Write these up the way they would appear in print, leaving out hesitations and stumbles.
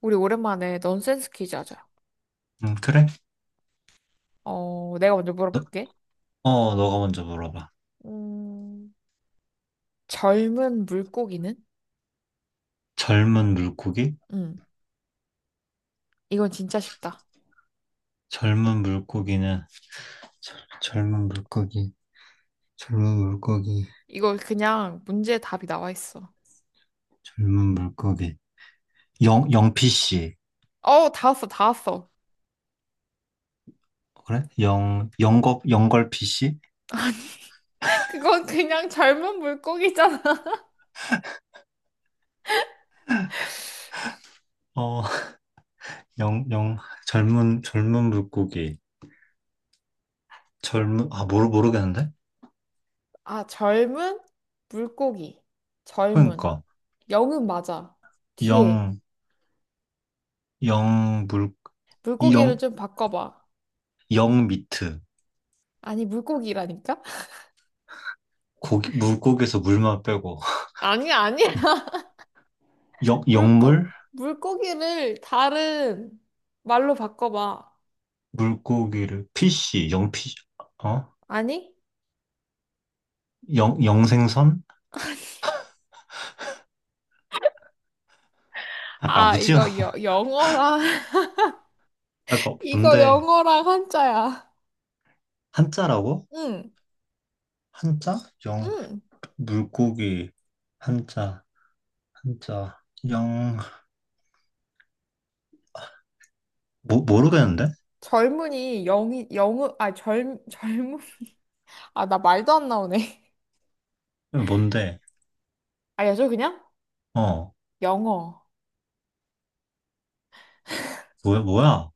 우리 오랜만에 넌센스 퀴즈 하자. 그래? 내가 먼저 너, 물어볼게. 너가 먼저 물어봐. 음, 젊은 물고기는? 젊은 물고기? 음, 이건 진짜 쉽다. 젊은 물고기는, 젊은 물고기, 젊은 물고기, 이거 그냥 문제 답이 나와 있어. 젊은 물고기. 영, 영피씨. 다 왔어, 다 왔어. 그래? 영, 영걸피씨? 그건 그냥 젊은 물고기잖아. 어, 영, 영, 젊은, 젊은 물고기. 젊은, 아, 모르겠는데? 아, 젊은 물고기. 젊은. 그러니까, 영은 맞아. 뒤에. 영, 영, 물, 영, 물고기를 좀 바꿔봐. 영 미트. 아니, 물고기라니까? 고기, 물고기에서 물만 빼고. 아니야, 아니야. 영, 물고, 영물? 물고기를 다른 말로 바꿔봐. 물고기를 피씨, 영피, 어? 아니? 영, 영생선? 아, 아, 아, 오징어. 영어랑, 아, 이거 뭔데? 영어랑 한자야. 한자라고? 응, 한자? 영, 응. 물고기, 한자, 한자, 영, 모르겠는데? 젊은이, 영이, 영어, 젊은. 아, 나 말도 안 나오네. 뭔데? 알려줘, 그냥? 어, 영어. 뭐야, 뭐야?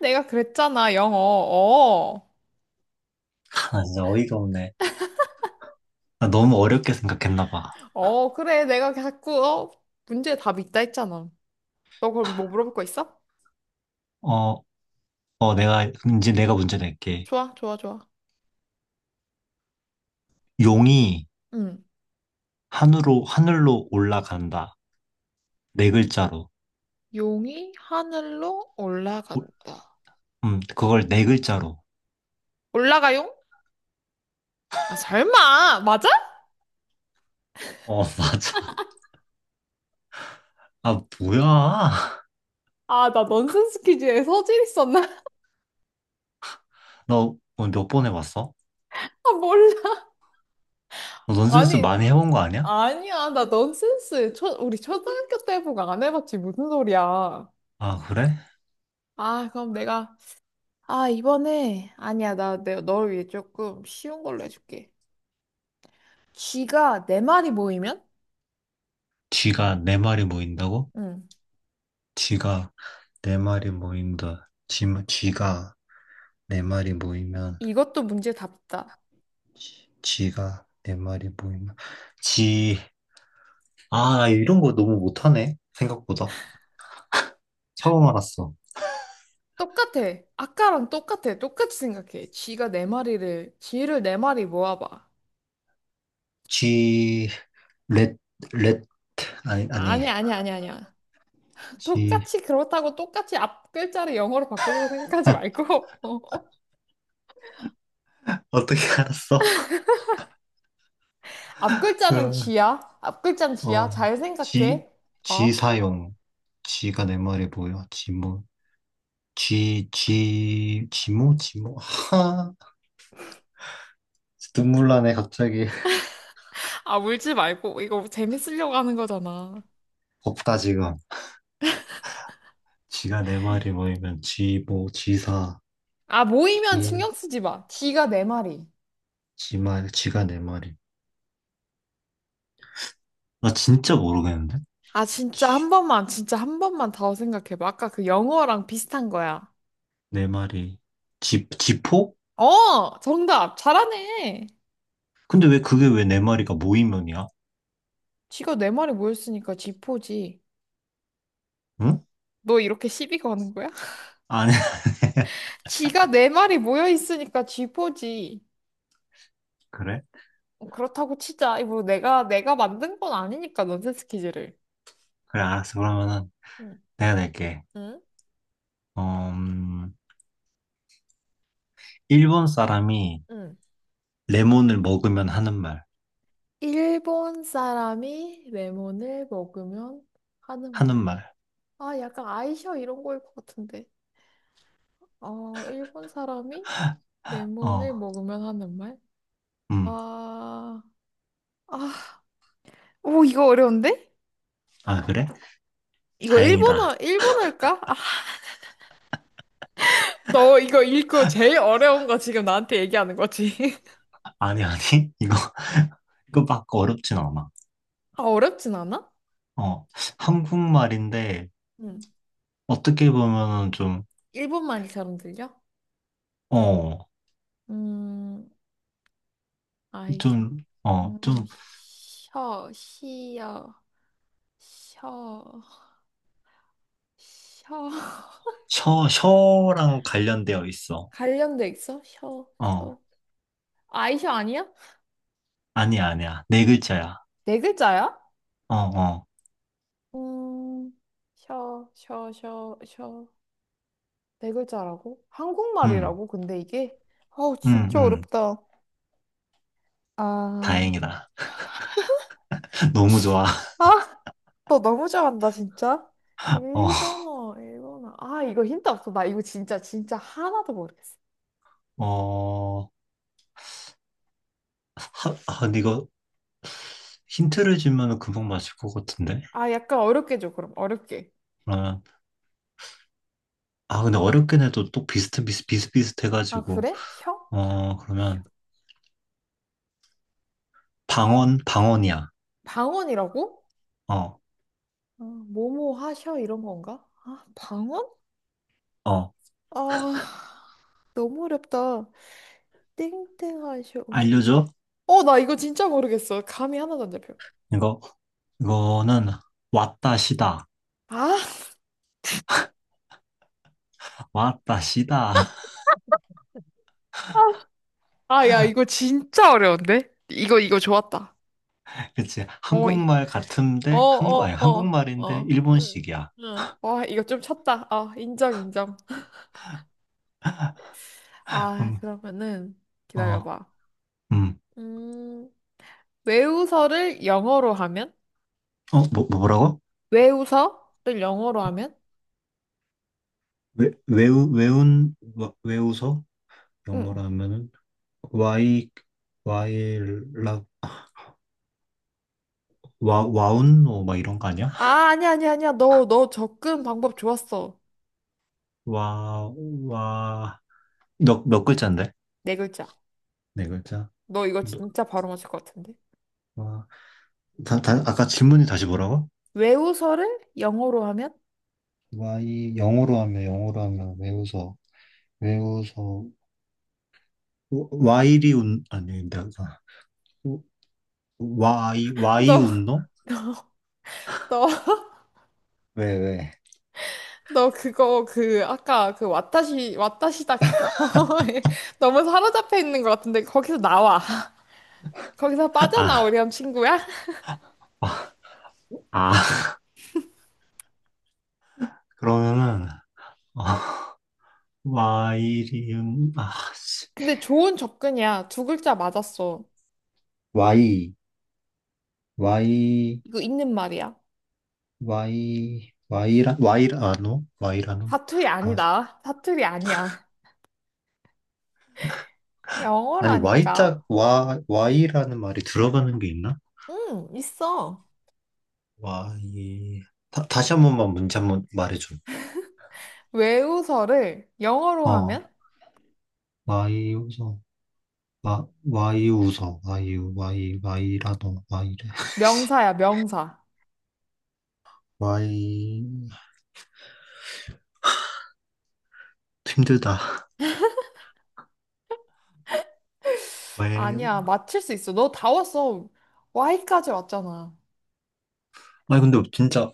내가 그랬잖아, 영어. 어, 아, 진짜 어이가 없네. 나 너무 어렵게 생각했나 봐. 어, 그래. 문제 답 있다 했잖아. 너 그럼 뭐 물어볼 거 있어? 어, 내가, 그럼 이제 내가 문제 낼게. 좋아, 좋아, 좋아. 용이 응. 하늘로 올라간다. 네 글자로. 용이 하늘로 오- 올라간다. 그걸 네 글자로. 올라가용? 아, 설마! 맞아? 어, 맞아. 아, 뭐야? 아, 나 넌센스 퀴즈에 서질 있었나? 너 몇 번 해봤어? 아, 몰라. 너 넌센스 아니, 많이 해본 거 아니야? 아니야. 나 넌센스. 우리 초등학교 때보고 안 해봤지. 무슨 소리야. 아, 그래? 아, 그럼 내가, 아, 이번에, 아니야. 너를 위해 조금 쉬운 걸로 해줄게. 쥐가 네 마리 모이면? 쥐가 네 마리 모인다고? 응. 쥐가 네 마리 모인다. 쥐가 네 마리 모이면, 이것도 문제 답다. 쥐가 네 마리 모이면, 쥐, 아, 나 이런 거 너무 못하네. 생각보다. 처음 알았어. 똑같아. 아까랑 똑같아. 똑같이 생각해. 쥐를 네 마리 모아봐. 쥐, 렛, 렛, 아니, 아니, 아니야, 아니야, 아니야, 아니야. 쥐, 똑같이 그렇다고 똑같이 앞 글자를 영어로 바꾸려고 생각하지 말고. 어떻게 알았어? 앞글자는 그럼. 쥐야? 앞글자는 쥐야? 어, 잘 지, 생각해. 지 어? 사용. 지가 내 말이 뭐야? 지모, 지, 지, 지모, 지모. 하, 눈물 나네, 갑자기. 아, 울지 말고. 이거 재밌으려고 하는 거잖아. 없다, 지금. 지가 내 말이 뭐이면 지모, 지사, 아, 모이면 지, 신경 쓰지 마. 쥐가 네 마리. 지말, 지가 내 말이. 나 진짜 모르겠는데? 아, 진짜 지, 한 번만, 진짜 한 번만 더 생각해봐. 아까 그 영어랑 비슷한 거야. 내 말이. 지, 지포? 어, 정답. 잘하네. 근데 왜 그게 왜 내 말이가 모이면이야? 쥐가 네 마리 모였으니까 쥐포지. 응? 너 이렇게 시비 거는 거야? 아니, 쥐가 네 마리 모여 있으니까 쥐포지. 그래? 그렇다고 치자. 이거 내가 만든 건 아니니까 넌센스 퀴즈를. 그래, 알았어. 그러면은 응. 내가 낼게. 응? 음, 일본 사람이 응. 레몬을 먹으면 하는 말, 일본 사람이 레몬을 먹으면 하는 하는 말. 말. 아, 약간 아이셔 이런 거일 것 같은데. 어, 일본 사람이 레몬을 어, 먹으면 하는 말? 음. 아, 아, 오, 이거 어려운데? 아, 그래? 이거 다행이다. 일본어, 일본어일까? 아, 너 이거 읽고 제일 어려운 거 지금 나한테 얘기하는 거지. 아니, 아니. 이거, 이거 막 어렵진 않아. 아, 어렵진 않아? 어, 한국말인데, 응. 어떻게 보면은 좀, 일본말처럼 들려? 어, 음, 아이셔. 좀, 어, 어, 좀, 셔, 시여, 셔. 혀. 셔, 셔랑 관련되어 있어. 관련돼 있어? 혀, 어, 혀. 아이셔 아니야? 아니야, 아니야. 네 글자야. 네 글자야? 어, 어, 음, 셔, 셔, 셔, 셔. 네 글자라고? 음, 한국말이라고? 근데 이게? 아우, 음, 진짜 음. 어렵다. 아, 이- 다행이다. 너무 좋아. 아, 너 너무 잘한다, 진짜. 어, 일본어, 일본어. 아, 이거 힌트 없어. 나 이거 진짜, 진짜 하나도 모르겠어. 어, 하, 아, 근데 이거 힌트를 주면 금방 맞을 것 같은데? 아, 약간 어렵게 줘, 그럼. 어렵게. 그러면 아 근데 어렵긴 해도 또 비슷 비슷 아, 비슷비슷해가지고 그래? 혀? 어 셔. 그러면 방언 방언이야. 방언이라고? 어 아 뭐뭐 하셔, 이런 건가? 아, 방언? 어 아, 너무 어렵다. 땡땡하쇼. 알려줘? 어, 나 이거 진짜 모르겠어. 감이 하나도 안 잡혀. 이거 이거는 왔다시다 아, 왔다시다. 아, 야, 이거 진짜 어려운데? 이거, 이거 좋았다. 그치 어, 이- 한국말 어, 같은데 한국 아니 어, 어, 한국말인데 어. 응, 일본식이야. 응. 와, 이거 좀 쳤다. 아, 인정, 인정. 아, 음 그러면은 어 기다려봐. 음 음, 외우서를 영어로 하면? 어 뭐라고? 외우서를 영어로 하면? 왜 외우 외운 와- 외우서 응. 영어로 하면은 와이 와이 라 와 와운노 막 이런 거 아니야? 아, 아니야, 아니야, 아니야. 너, 너 접근 방법 좋았어. 와, 와. 몇 글자인데? 네 글자. 네 글자? 너 이거 너- 진짜 바로 맞을 것 같은데? 와. 아까 질문이 다시 뭐라고? 외우서를 영어로 하면? 와이 영어로 하면 영어로 하면 외우서 외우서 와이리 운, 아니, 내가, 와이, 와이 너, 운동? 너, 왜 왜? 너 그거 그 아까 그 와타시 와타시다 그거 에 너무 사로잡혀 있는 것 같은데 거기서 나와. 거기서 아, 빠져나오렴 친구야. 아, 아. 그러면은, 아, 와이리 운, 아, 씨. 근데 좋은 접근이야. 두 글자 맞았어. 와이 와이 이거 있는 말이야. 와이 와이라 와이라노? 와이라노? 사투리 아, 아니다. 사투리 아니야. 아니, 영어라니까. Y자, 와, Y라는 말이 들어가는 게 있나? 응, 있어. Y. 다시 한 번만 문제 한 번 말해줘. 외우서를 영어로 어, 하면 Y 우서. 와, Y 우서. Y, Y, y 라도 Y래. 명사야, 명사. Y. 힘들다. 왜? 아니야, 맞힐 수 있어. 너 다 왔어. Y까지 왔잖아. 아니, 근데 진짜,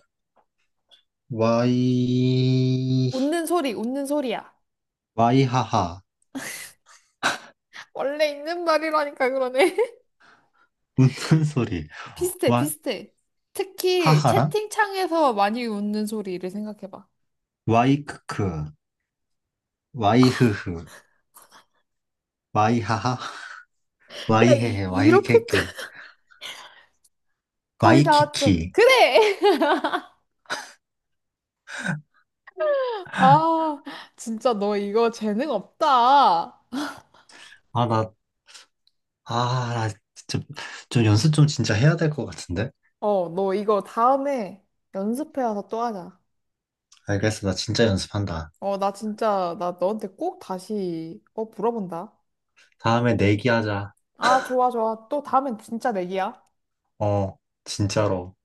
Y, 웃는 소리, 웃는 소리야. Y 하하. 원래 있는 말이라니까 그러네. 웃는 소리. 비슷해, Y, 비슷해. 특히 하하랑? 채팅창에서 많이 웃는 소리를 생각해봐. Y 크크. Y 흐흐. Y 하하. Y 헤헤. Y 이렇게까지. 케케. 거의 Y 다 왔죠. 키키. 그래! 아, 진짜 너 이거 재능 없다. 아, 나 아, 나 진짜 좀 연습 좀 진짜 해야 될 것 같은데? 어, 너 이거 다음에 연습해 와서 또 하자. 알겠어. 나 진짜 연습한다. 나 진짜, 나 너한테 꼭 다시 물어본다. 다음에 내기하자. 아, 좋아, 좋아. 또 다음엔 진짜 내기야. 어, 진짜로.